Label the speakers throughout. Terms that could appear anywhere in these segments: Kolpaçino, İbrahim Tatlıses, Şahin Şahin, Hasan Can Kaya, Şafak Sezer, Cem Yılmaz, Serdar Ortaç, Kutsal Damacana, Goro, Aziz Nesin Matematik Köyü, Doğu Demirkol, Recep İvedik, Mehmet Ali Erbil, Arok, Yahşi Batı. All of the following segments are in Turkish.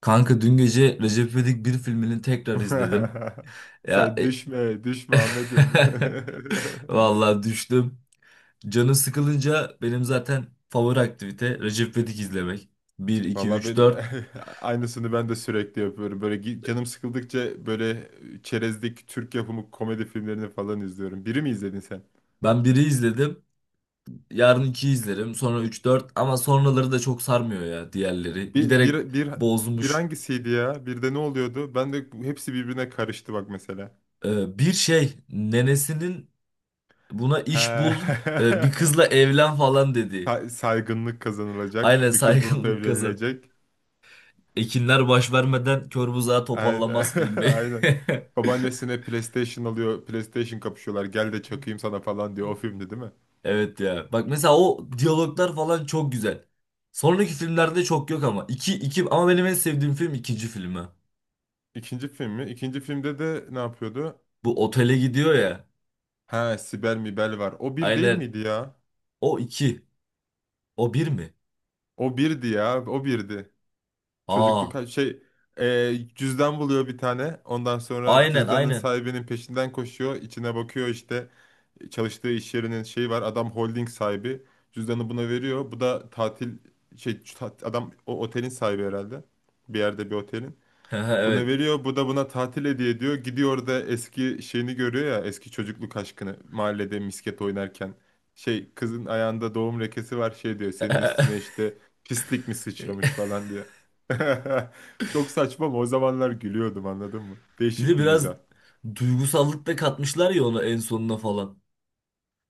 Speaker 1: Kanka dün gece Recep İvedik bir filmini tekrar izledim. Ya
Speaker 2: Sen
Speaker 1: e,
Speaker 2: düşme, düşme Ahmet'im.
Speaker 1: vallahi düştüm. Canı sıkılınca benim zaten favori aktivite Recep İvedik izlemek. Bir 2
Speaker 2: Vallahi
Speaker 1: 3
Speaker 2: ben
Speaker 1: 4.
Speaker 2: aynısını ben de sürekli yapıyorum. Böyle canım sıkıldıkça böyle çerezlik Türk yapımı komedi filmlerini falan izliyorum. Biri mi izledin sen?
Speaker 1: Ben biri izledim. Yarın 2'yi izlerim. Sonra 3 4. Ama sonraları da çok sarmıyor ya diğerleri.
Speaker 2: Bir,
Speaker 1: Giderek
Speaker 2: bir, bir, bir
Speaker 1: bozmuş.
Speaker 2: hangisiydi ya? Bir de ne oluyordu? Ben de hepsi birbirine karıştı bak mesela.
Speaker 1: Bir şey nenesinin buna
Speaker 2: He.
Speaker 1: iş bul, bir kızla evlen falan dedi.
Speaker 2: Saygınlık kazanılacak.
Speaker 1: Aynen
Speaker 2: Bir kız bulup
Speaker 1: saygınlık kazan.
Speaker 2: evlenilecek.
Speaker 1: Ekinler baş vermeden kör buzağı
Speaker 2: Aynen.
Speaker 1: topallamaz filmi.
Speaker 2: Aynen. Babaannesine PlayStation alıyor. PlayStation kapışıyorlar. Gel de çakayım sana falan diyor. O filmdi değil mi?
Speaker 1: Evet ya. Bak mesela o diyaloglar falan çok güzel. Sonraki filmlerde çok yok ama. Ama benim en sevdiğim film ikinci filmi.
Speaker 2: İkinci film mi? İkinci filmde de ne yapıyordu?
Speaker 1: Bu otele gidiyor ya.
Speaker 2: Ha, Sibel Mibel var. O bir değil
Speaker 1: Aynen.
Speaker 2: miydi ya?
Speaker 1: O iki. O bir mi?
Speaker 2: O birdi ya. O birdi. Çocukluk
Speaker 1: Aa.
Speaker 2: şey, cüzdan buluyor bir tane. Ondan sonra
Speaker 1: Aynen,
Speaker 2: cüzdanın
Speaker 1: aynen.
Speaker 2: sahibinin peşinden koşuyor. İçine bakıyor işte. Çalıştığı iş yerinin şeyi var. Adam holding sahibi. Cüzdanı buna veriyor. Bu da tatil şey adam o otelin sahibi herhalde. Bir yerde bir otelin. Buna
Speaker 1: Evet.
Speaker 2: veriyor. Bu da buna tatil hediye ediyor. Gidiyor da eski şeyini görüyor ya. Eski çocukluk aşkını. Mahallede misket oynarken. Şey, kızın ayağında doğum lekesi var, şey diyor, senin üstüne işte pislik mi sıçramış falan diyor. Çok saçma ama o zamanlar gülüyordum, anladın mı?
Speaker 1: Bir de
Speaker 2: Değişik bir
Speaker 1: biraz
Speaker 2: mizah.
Speaker 1: duygusallık da katmışlar ya ona en sonuna falan.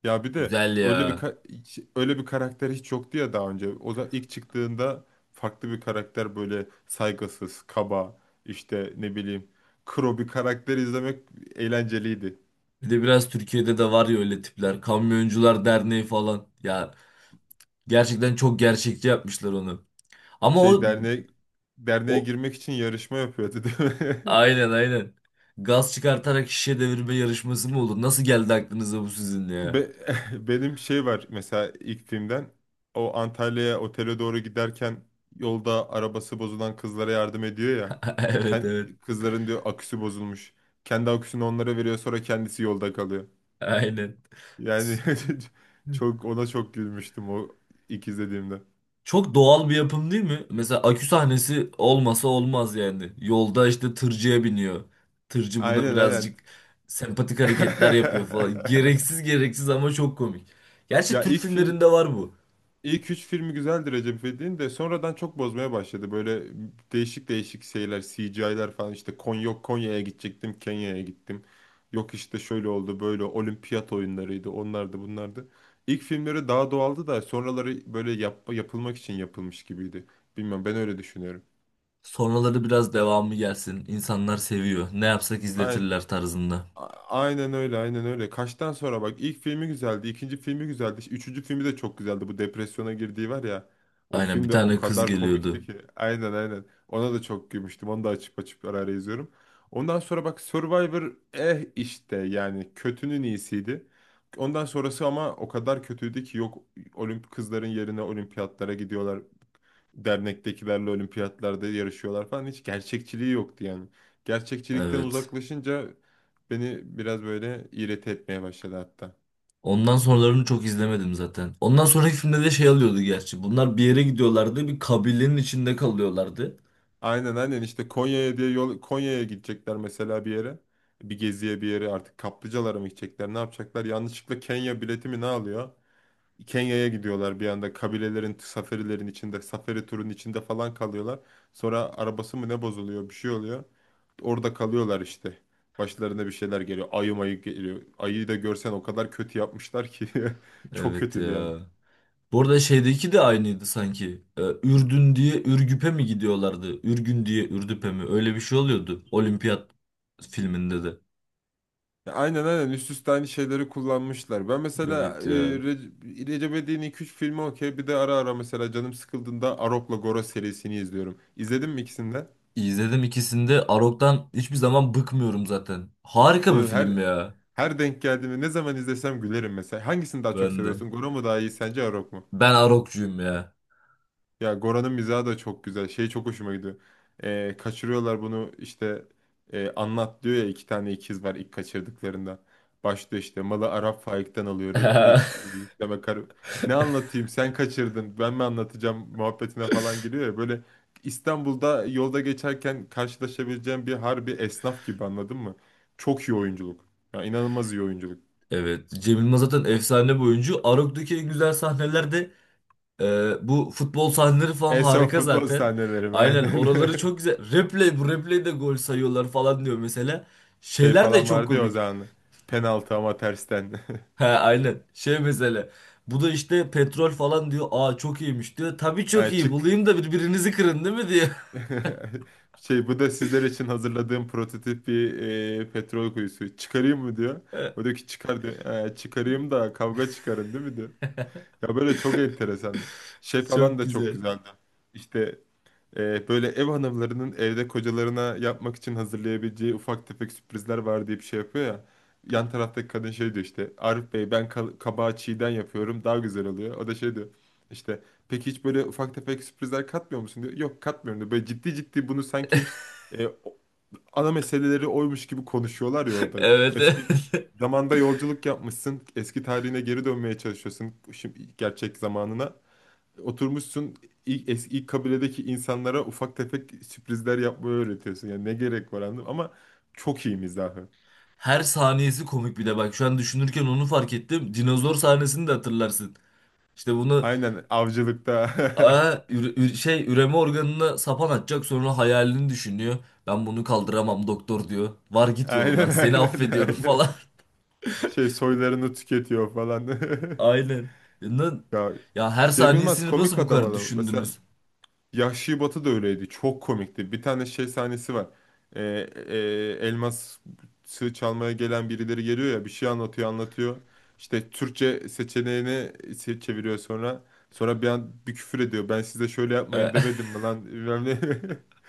Speaker 2: Ya bir de
Speaker 1: Güzel
Speaker 2: öyle bir
Speaker 1: ya.
Speaker 2: öyle bir karakter hiç yoktu ya daha önce. O da ilk çıktığında farklı bir karakter, böyle saygısız, kaba, işte ne bileyim, kro bir karakter izlemek eğlenceliydi.
Speaker 1: Bir de biraz Türkiye'de de var ya öyle tipler. Kamyoncular Derneği falan. Ya, gerçekten çok gerçekçi yapmışlar onu. Ama
Speaker 2: Şey,
Speaker 1: o,
Speaker 2: derneğe
Speaker 1: o
Speaker 2: girmek için yarışma yapıyordu değil mi?
Speaker 1: aynen, aynen. Gaz çıkartarak şişe devirme yarışması mı olur? Nasıl geldi aklınıza bu sizin ya?
Speaker 2: Be- benim şey var mesela ilk filmden, o Antalya'ya otele doğru giderken yolda arabası bozulan kızlara yardım ediyor ya.
Speaker 1: Evet, evet.
Speaker 2: Kızların diyor aküsü bozulmuş. Kendi aküsünü onlara veriyor, sonra kendisi yolda kalıyor.
Speaker 1: Aynen.
Speaker 2: Yani çok, ona çok gülmüştüm o ilk izlediğimde.
Speaker 1: Çok doğal bir yapım değil mi? Mesela akü sahnesi olmasa olmaz yani. Yolda işte tırcıya biniyor. Tırcı buna
Speaker 2: Aynen aynen.
Speaker 1: birazcık sempatik hareketler yapıyor falan. Gereksiz gereksiz ama çok komik. Gerçi
Speaker 2: Ya
Speaker 1: Türk filmlerinde var bu.
Speaker 2: İlk üç filmi güzeldi Recep İvedik'in de, sonradan çok bozmaya başladı. Böyle değişik değişik şeyler, CGI'ler falan, işte Konya, yok Konya'ya gidecektim, Kenya'ya gittim. Yok işte şöyle oldu, böyle olimpiyat oyunlarıydı, onlardı, bunlardı. İlk filmleri daha doğaldı da sonraları böyle yapılmak için yapılmış gibiydi. Bilmem, ben öyle düşünüyorum.
Speaker 1: Sonraları biraz devamı gelsin. İnsanlar seviyor. Ne yapsak izletirler tarzında.
Speaker 2: Aynen öyle, aynen öyle. Kaçtan sonra bak, ilk filmi güzeldi, ikinci filmi güzeldi, işte üçüncü filmi de çok güzeldi. Bu depresyona girdiği var ya. O
Speaker 1: Aynen
Speaker 2: film
Speaker 1: bir
Speaker 2: de o
Speaker 1: tane kız
Speaker 2: kadar komikti
Speaker 1: geliyordu.
Speaker 2: ki. Aynen aynen. Ona da çok gülmüştüm. Onu da açıp açıp ara ara izliyorum. Ondan sonra bak Survivor, işte yani kötünün iyisiydi. Ondan sonrası ama o kadar kötüydü ki, yok kızların yerine olimpiyatlara gidiyorlar, dernektekilerle olimpiyatlarda yarışıyorlar falan, hiç gerçekçiliği yoktu yani. Gerçekçilikten
Speaker 1: Evet.
Speaker 2: uzaklaşınca beni biraz böyle iğreti etmeye başladı hatta.
Speaker 1: Ondan sonralarını çok izlemedim zaten. Ondan sonraki filmde de şey alıyordu gerçi. Bunlar bir yere gidiyorlardı. Bir kabilenin içinde kalıyorlardı.
Speaker 2: Aynen aynen, işte Konya'ya diye, yol Konya'ya gidecekler mesela bir yere. Bir geziye, bir yere, artık kaplıcalara mı gidecekler, ne yapacaklar? Yanlışlıkla Kenya bileti mi ne alıyor? Kenya'ya gidiyorlar, bir anda kabilelerin, safarilerin içinde, safari turun içinde falan kalıyorlar. Sonra arabası mı ne bozuluyor, bir şey oluyor. Orada kalıyorlar işte. Başlarına bir şeyler geliyor. Ayı mayı geliyor. Ayıyı da görsen o kadar kötü yapmışlar ki. Çok
Speaker 1: Evet
Speaker 2: kötüydü yani.
Speaker 1: ya. Bu arada şeydeki de aynıydı sanki. Ürdün diye Ürgüp'e mi gidiyorlardı? Ürgün diye Ürdüp'e mi? Öyle bir şey oluyordu. Olimpiyat filminde de.
Speaker 2: Ya aynen aynen, üst üste aynı şeyleri kullanmışlar. Ben mesela
Speaker 1: Evet ya.
Speaker 2: Recep İvedik'in 2-3 filmi okey. Bir de ara ara mesela canım sıkıldığında Arok'la Goro serisini izliyorum. İzledin mi ikisini de?
Speaker 1: İzledim ikisini de. Arok'tan hiçbir zaman bıkmıyorum zaten.
Speaker 2: E,
Speaker 1: Harika bir film
Speaker 2: Her
Speaker 1: ya.
Speaker 2: her denk geldiğimde, ne zaman izlesem gülerim mesela. Hangisini daha çok
Speaker 1: Ben de.
Speaker 2: seviyorsun? Goro mu daha iyi sence, Arok mu?
Speaker 1: Ben Arok'cuyum ya.
Speaker 2: Ya Gora'nın mizahı da çok güzel. Şey çok hoşuma gidiyor. Kaçırıyorlar bunu işte, anlat diyor ya iki tane ikiz var ilk kaçırdıklarında. Başlıyor işte, malı Arap Faik'ten alıyorduk. İlk yükleme kar... Ne anlatayım, sen kaçırdın ben mi anlatacağım muhabbetine falan giriyor ya. Böyle İstanbul'da yolda geçerken karşılaşabileceğim bir harbi esnaf gibi, anladın mı? Çok iyi oyunculuk. Ya inanılmaz iyi oyunculuk.
Speaker 1: Evet. Cem Yılmaz zaten efsane bir oyuncu. Arok'taki en güzel sahnelerde bu futbol sahneleri falan
Speaker 2: En son
Speaker 1: harika
Speaker 2: futbol
Speaker 1: zaten.
Speaker 2: sahneleri
Speaker 1: Aynen
Speaker 2: aynen.
Speaker 1: oraları çok güzel. Replay bu replay'de gol sayıyorlar falan diyor mesela.
Speaker 2: Şey
Speaker 1: Şeyler de
Speaker 2: falan
Speaker 1: çok
Speaker 2: vardı ya o
Speaker 1: komik.
Speaker 2: zaman. Penaltı ama tersten.
Speaker 1: Ha aynen. Şey mesela. Bu da işte petrol falan diyor. Aa çok iyiymiş diyor. Tabii çok
Speaker 2: Yani
Speaker 1: iyi.
Speaker 2: çık.
Speaker 1: Bulayım da birbirinizi kırın değil mi diyor.
Speaker 2: Şey, bu da sizler için hazırladığım prototip bir petrol kuyusu, çıkarayım mı diyor. O diyor ki çıkar diyor. Çıkarayım da kavga çıkarın değil mi" diyor. Ya böyle çok enteresan. Şey falan
Speaker 1: Çok
Speaker 2: da çok
Speaker 1: güzel.
Speaker 2: güzeldi. İşte, böyle ev hanımlarının evde kocalarına yapmak için hazırlayabileceği ufak tefek sürprizler var diye bir şey yapıyor ya. Yan taraftaki kadın şey diyor, işte Arif Bey ben kabağı çiğden yapıyorum daha güzel oluyor. O da şey diyor, işte peki hiç böyle ufak tefek sürprizler katmıyor musun diyor. Yok, katmıyorum diyor. Böyle ciddi ciddi bunu sanki e, o- ana meseleleri oymuş gibi konuşuyorlar ya orada.
Speaker 1: Evet.
Speaker 2: Eski zamanda yolculuk yapmışsın, eski tarihine geri dönmeye çalışıyorsun, şimdi gerçek zamanına oturmuşsun, ilk kabiledeki insanlara ufak tefek sürprizler yapmayı öğretiyorsun. Yani ne gerek var anladım, ama çok iyi mizahı.
Speaker 1: Her saniyesi komik bir de bak şu an düşünürken onu fark ettim. Dinozor sahnesini de hatırlarsın. İşte bunu
Speaker 2: Aynen, avcılıkta.
Speaker 1: aa, şey üreme organına sapan atacak sonra hayalini düşünüyor. Ben bunu kaldıramam doktor diyor. Var git yolundan
Speaker 2: Aynen
Speaker 1: seni
Speaker 2: aynen
Speaker 1: affediyorum
Speaker 2: aynen.
Speaker 1: falan.
Speaker 2: Şey, soylarını tüketiyor falan.
Speaker 1: Aynen. Lan,
Speaker 2: Ya,
Speaker 1: ya her
Speaker 2: Cem Yılmaz
Speaker 1: saniyesini nasıl
Speaker 2: komik
Speaker 1: bu
Speaker 2: adam
Speaker 1: kadar
Speaker 2: adam. Mesela
Speaker 1: düşündünüz?
Speaker 2: Yahşi Batı da öyleydi. Çok komikti. Bir tane şey sahnesi var. Ee, e, elmas sığ çalmaya gelen birileri geliyor ya, bir şey anlatıyor anlatıyor. İşte Türkçe seçeneğini çeviriyor sonra. Sonra bir an bir küfür ediyor. Ben size şöyle
Speaker 1: E,
Speaker 2: yapmayın demedim mi lan? Bilmem ne.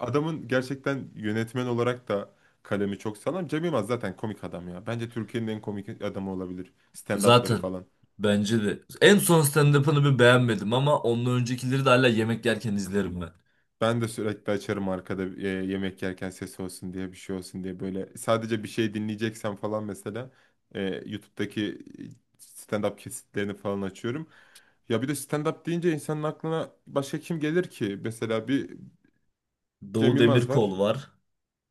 Speaker 2: Adamın gerçekten yönetmen olarak da kalemi çok sağlam. Cem Yılmaz zaten komik adam ya. Bence Türkiye'nin en komik adamı olabilir. Stand-up'ları
Speaker 1: zaten
Speaker 2: falan.
Speaker 1: bence de. En son stand-up'ını bir beğenmedim ama ondan öncekileri de hala yemek yerken izlerim ben.
Speaker 2: Ben de sürekli açarım arkada, yemek yerken ses olsun diye, bir şey olsun diye, böyle sadece bir şey dinleyeceksem falan mesela YouTube'daki stand-up kesitlerini falan açıyorum. Ya bir de stand-up deyince insanın aklına başka kim gelir ki? Mesela bir Cem
Speaker 1: Doğu
Speaker 2: Yılmaz
Speaker 1: Demirkol
Speaker 2: var.
Speaker 1: var.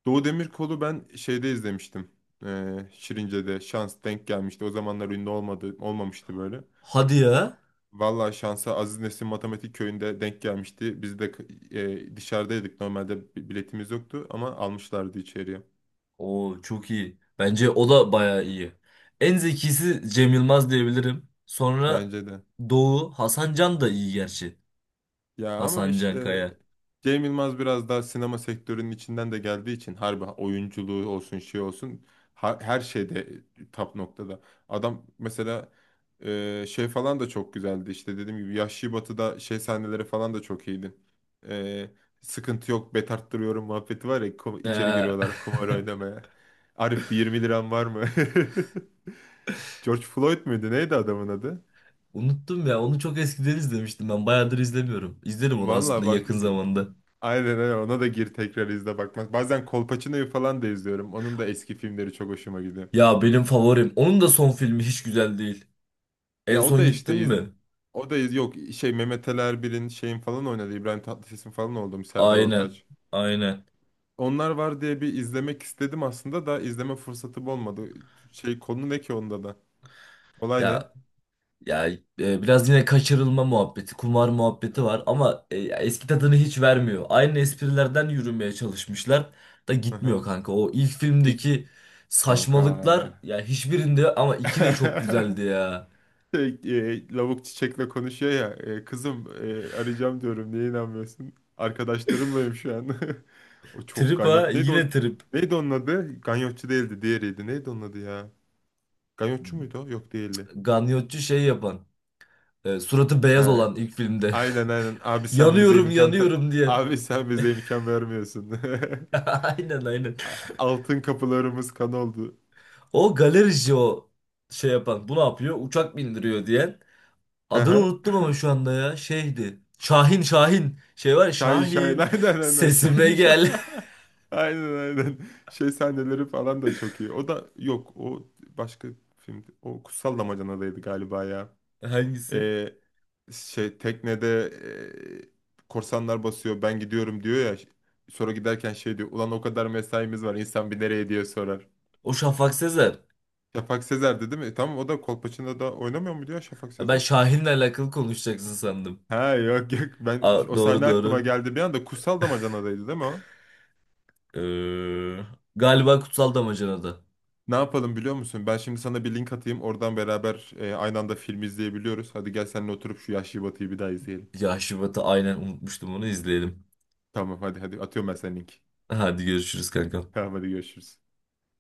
Speaker 2: Doğu Demirkol'u ben şeyde izlemiştim. Şirince'de şans denk gelmişti. O zamanlar ünlü olmadı, olmamıştı böyle.
Speaker 1: Hadi ya.
Speaker 2: Vallahi şansa Aziz Nesin Matematik Köyü'nde denk gelmişti. Biz de dışarıdaydık. Normalde biletimiz yoktu ama almışlardı içeriye.
Speaker 1: Oo çok iyi. Bence o da bayağı iyi. En zekisi Cem Yılmaz diyebilirim. Sonra
Speaker 2: Bence de.
Speaker 1: Doğu Hasan Can da iyi gerçi.
Speaker 2: Ya ama
Speaker 1: Hasan Can
Speaker 2: işte
Speaker 1: Kaya.
Speaker 2: Cem Yılmaz biraz daha sinema sektörünün içinden de geldiği için harbi, oyunculuğu olsun, şey olsun, her şeyde top noktada. Adam mesela şey falan da çok güzeldi, işte dediğim gibi Yahşi Batı'da şey sahneleri falan da çok iyiydi. E, sıkıntı yok, bet arttırıyorum muhabbeti var ya, içeri
Speaker 1: Ee,
Speaker 2: giriyorlar kumar oynamaya. Arif, bir 20 liran var mı? George Floyd muydu neydi adamın adı?
Speaker 1: unuttum ya. Onu çok eskiden izlemiştim ben. Bayağıdır izlemiyorum. İzlerim onu aslında
Speaker 2: Vallahi bak,
Speaker 1: yakın zamanda.
Speaker 2: aynen öyle, ona da gir tekrar izle bakmak. Bazen Kolpaçino'yu falan da izliyorum. Onun da eski filmleri çok hoşuma gidiyor.
Speaker 1: Ya benim favorim. Onun da son filmi hiç güzel değil. En
Speaker 2: Ya o da
Speaker 1: son
Speaker 2: işte
Speaker 1: gittin mi?
Speaker 2: yok şey, Mehmet Ali Erbil'in, şeyin falan oynadı. İbrahim Tatlıses'in falan oldu, Serdar
Speaker 1: Aynen.
Speaker 2: Ortaç.
Speaker 1: Aynen.
Speaker 2: Onlar var diye bir izlemek istedim aslında, da izleme fırsatım olmadı. Şey, konu ne ki onda da? Olay ne?
Speaker 1: Ya Ya biraz yine kaçırılma muhabbeti, kumar muhabbeti
Speaker 2: Aha,
Speaker 1: var ama ya eski tadını hiç vermiyor. Aynı esprilerden yürümeye çalışmışlar da gitmiyor
Speaker 2: aha.
Speaker 1: kanka. O ilk
Speaker 2: İlk,
Speaker 1: filmdeki saçmalıklar
Speaker 2: kanka.
Speaker 1: ya hiçbirinde ama iki de çok güzeldi ya.
Speaker 2: Şey, lavuk çiçekle konuşuyor ya. Kızım arayacağım diyorum, niye inanmıyorsun? Arkadaşlarımlayım şu an. O çok
Speaker 1: Trip ha
Speaker 2: ganyot. Neydi
Speaker 1: yine
Speaker 2: o?
Speaker 1: trip.
Speaker 2: Neydi onun adı? Ganyotçu değildi. Diğeriydi. Neydi onun adı ya? Ganyotçu muydu o? Yok, değildi.
Speaker 1: Ganyotçu şey yapan, suratı
Speaker 2: He.
Speaker 1: beyaz olan ilk filmde.
Speaker 2: Aynen aynen. Abi sen bize
Speaker 1: Yanıyorum
Speaker 2: imkan
Speaker 1: yanıyorum diye.
Speaker 2: abi sen bize imkan vermiyorsun.
Speaker 1: Aynen, aynen.
Speaker 2: Altın kapılarımız kan oldu.
Speaker 1: O galerici o şey yapan bu ne yapıyor? Uçak bindiriyor diyen.
Speaker 2: Hı
Speaker 1: Adını
Speaker 2: hı.
Speaker 1: unuttum ama şu anda ya. Şeydi. Şahin Şahin. Şey var ya
Speaker 2: Şahin Şahin.
Speaker 1: Şahin.
Speaker 2: Aynen aynen.
Speaker 1: Sesime
Speaker 2: Şahin Şahin.
Speaker 1: gel.
Speaker 2: Aynen aynen. Şey sahneleri falan da çok iyi. O da yok. O başka filmdi. O Kutsal Damacana'daydı galiba ya.
Speaker 1: Hangisi?
Speaker 2: e, Şey, teknede korsanlar basıyor, ben gidiyorum diyor ya, sonra giderken şey diyor, ulan o kadar mesaimiz var, insan bir nereye diye sorar.
Speaker 1: O Şafak Sezer.
Speaker 2: Şafak Sezer'di değil mi? Tamam, o da Kolpaçino'da da oynamıyor muydu ya, Şafak
Speaker 1: Ha, ben
Speaker 2: Sezer?
Speaker 1: Şahin'le alakalı konuşacaksın sandım.
Speaker 2: Ha yok yok, ben
Speaker 1: Aa,
Speaker 2: o
Speaker 1: doğru
Speaker 2: sahne aklıma
Speaker 1: doğru.
Speaker 2: geldi bir anda, Kutsal Damacana'daydı değil mi o?
Speaker 1: Ee, galiba Kutsal Damacana'da.
Speaker 2: Ne yapalım biliyor musun? Ben şimdi sana bir link atayım, oradan beraber aynı anda film izleyebiliyoruz. Hadi gel, seninle oturup şu Yahşi Batı'yı bir daha izleyelim.
Speaker 1: Ya Şubat'ı aynen unutmuştum onu izleyelim.
Speaker 2: Tamam hadi, hadi atıyorum ben sana linki.
Speaker 1: Hadi görüşürüz kankam.
Speaker 2: Tamam hadi görüşürüz.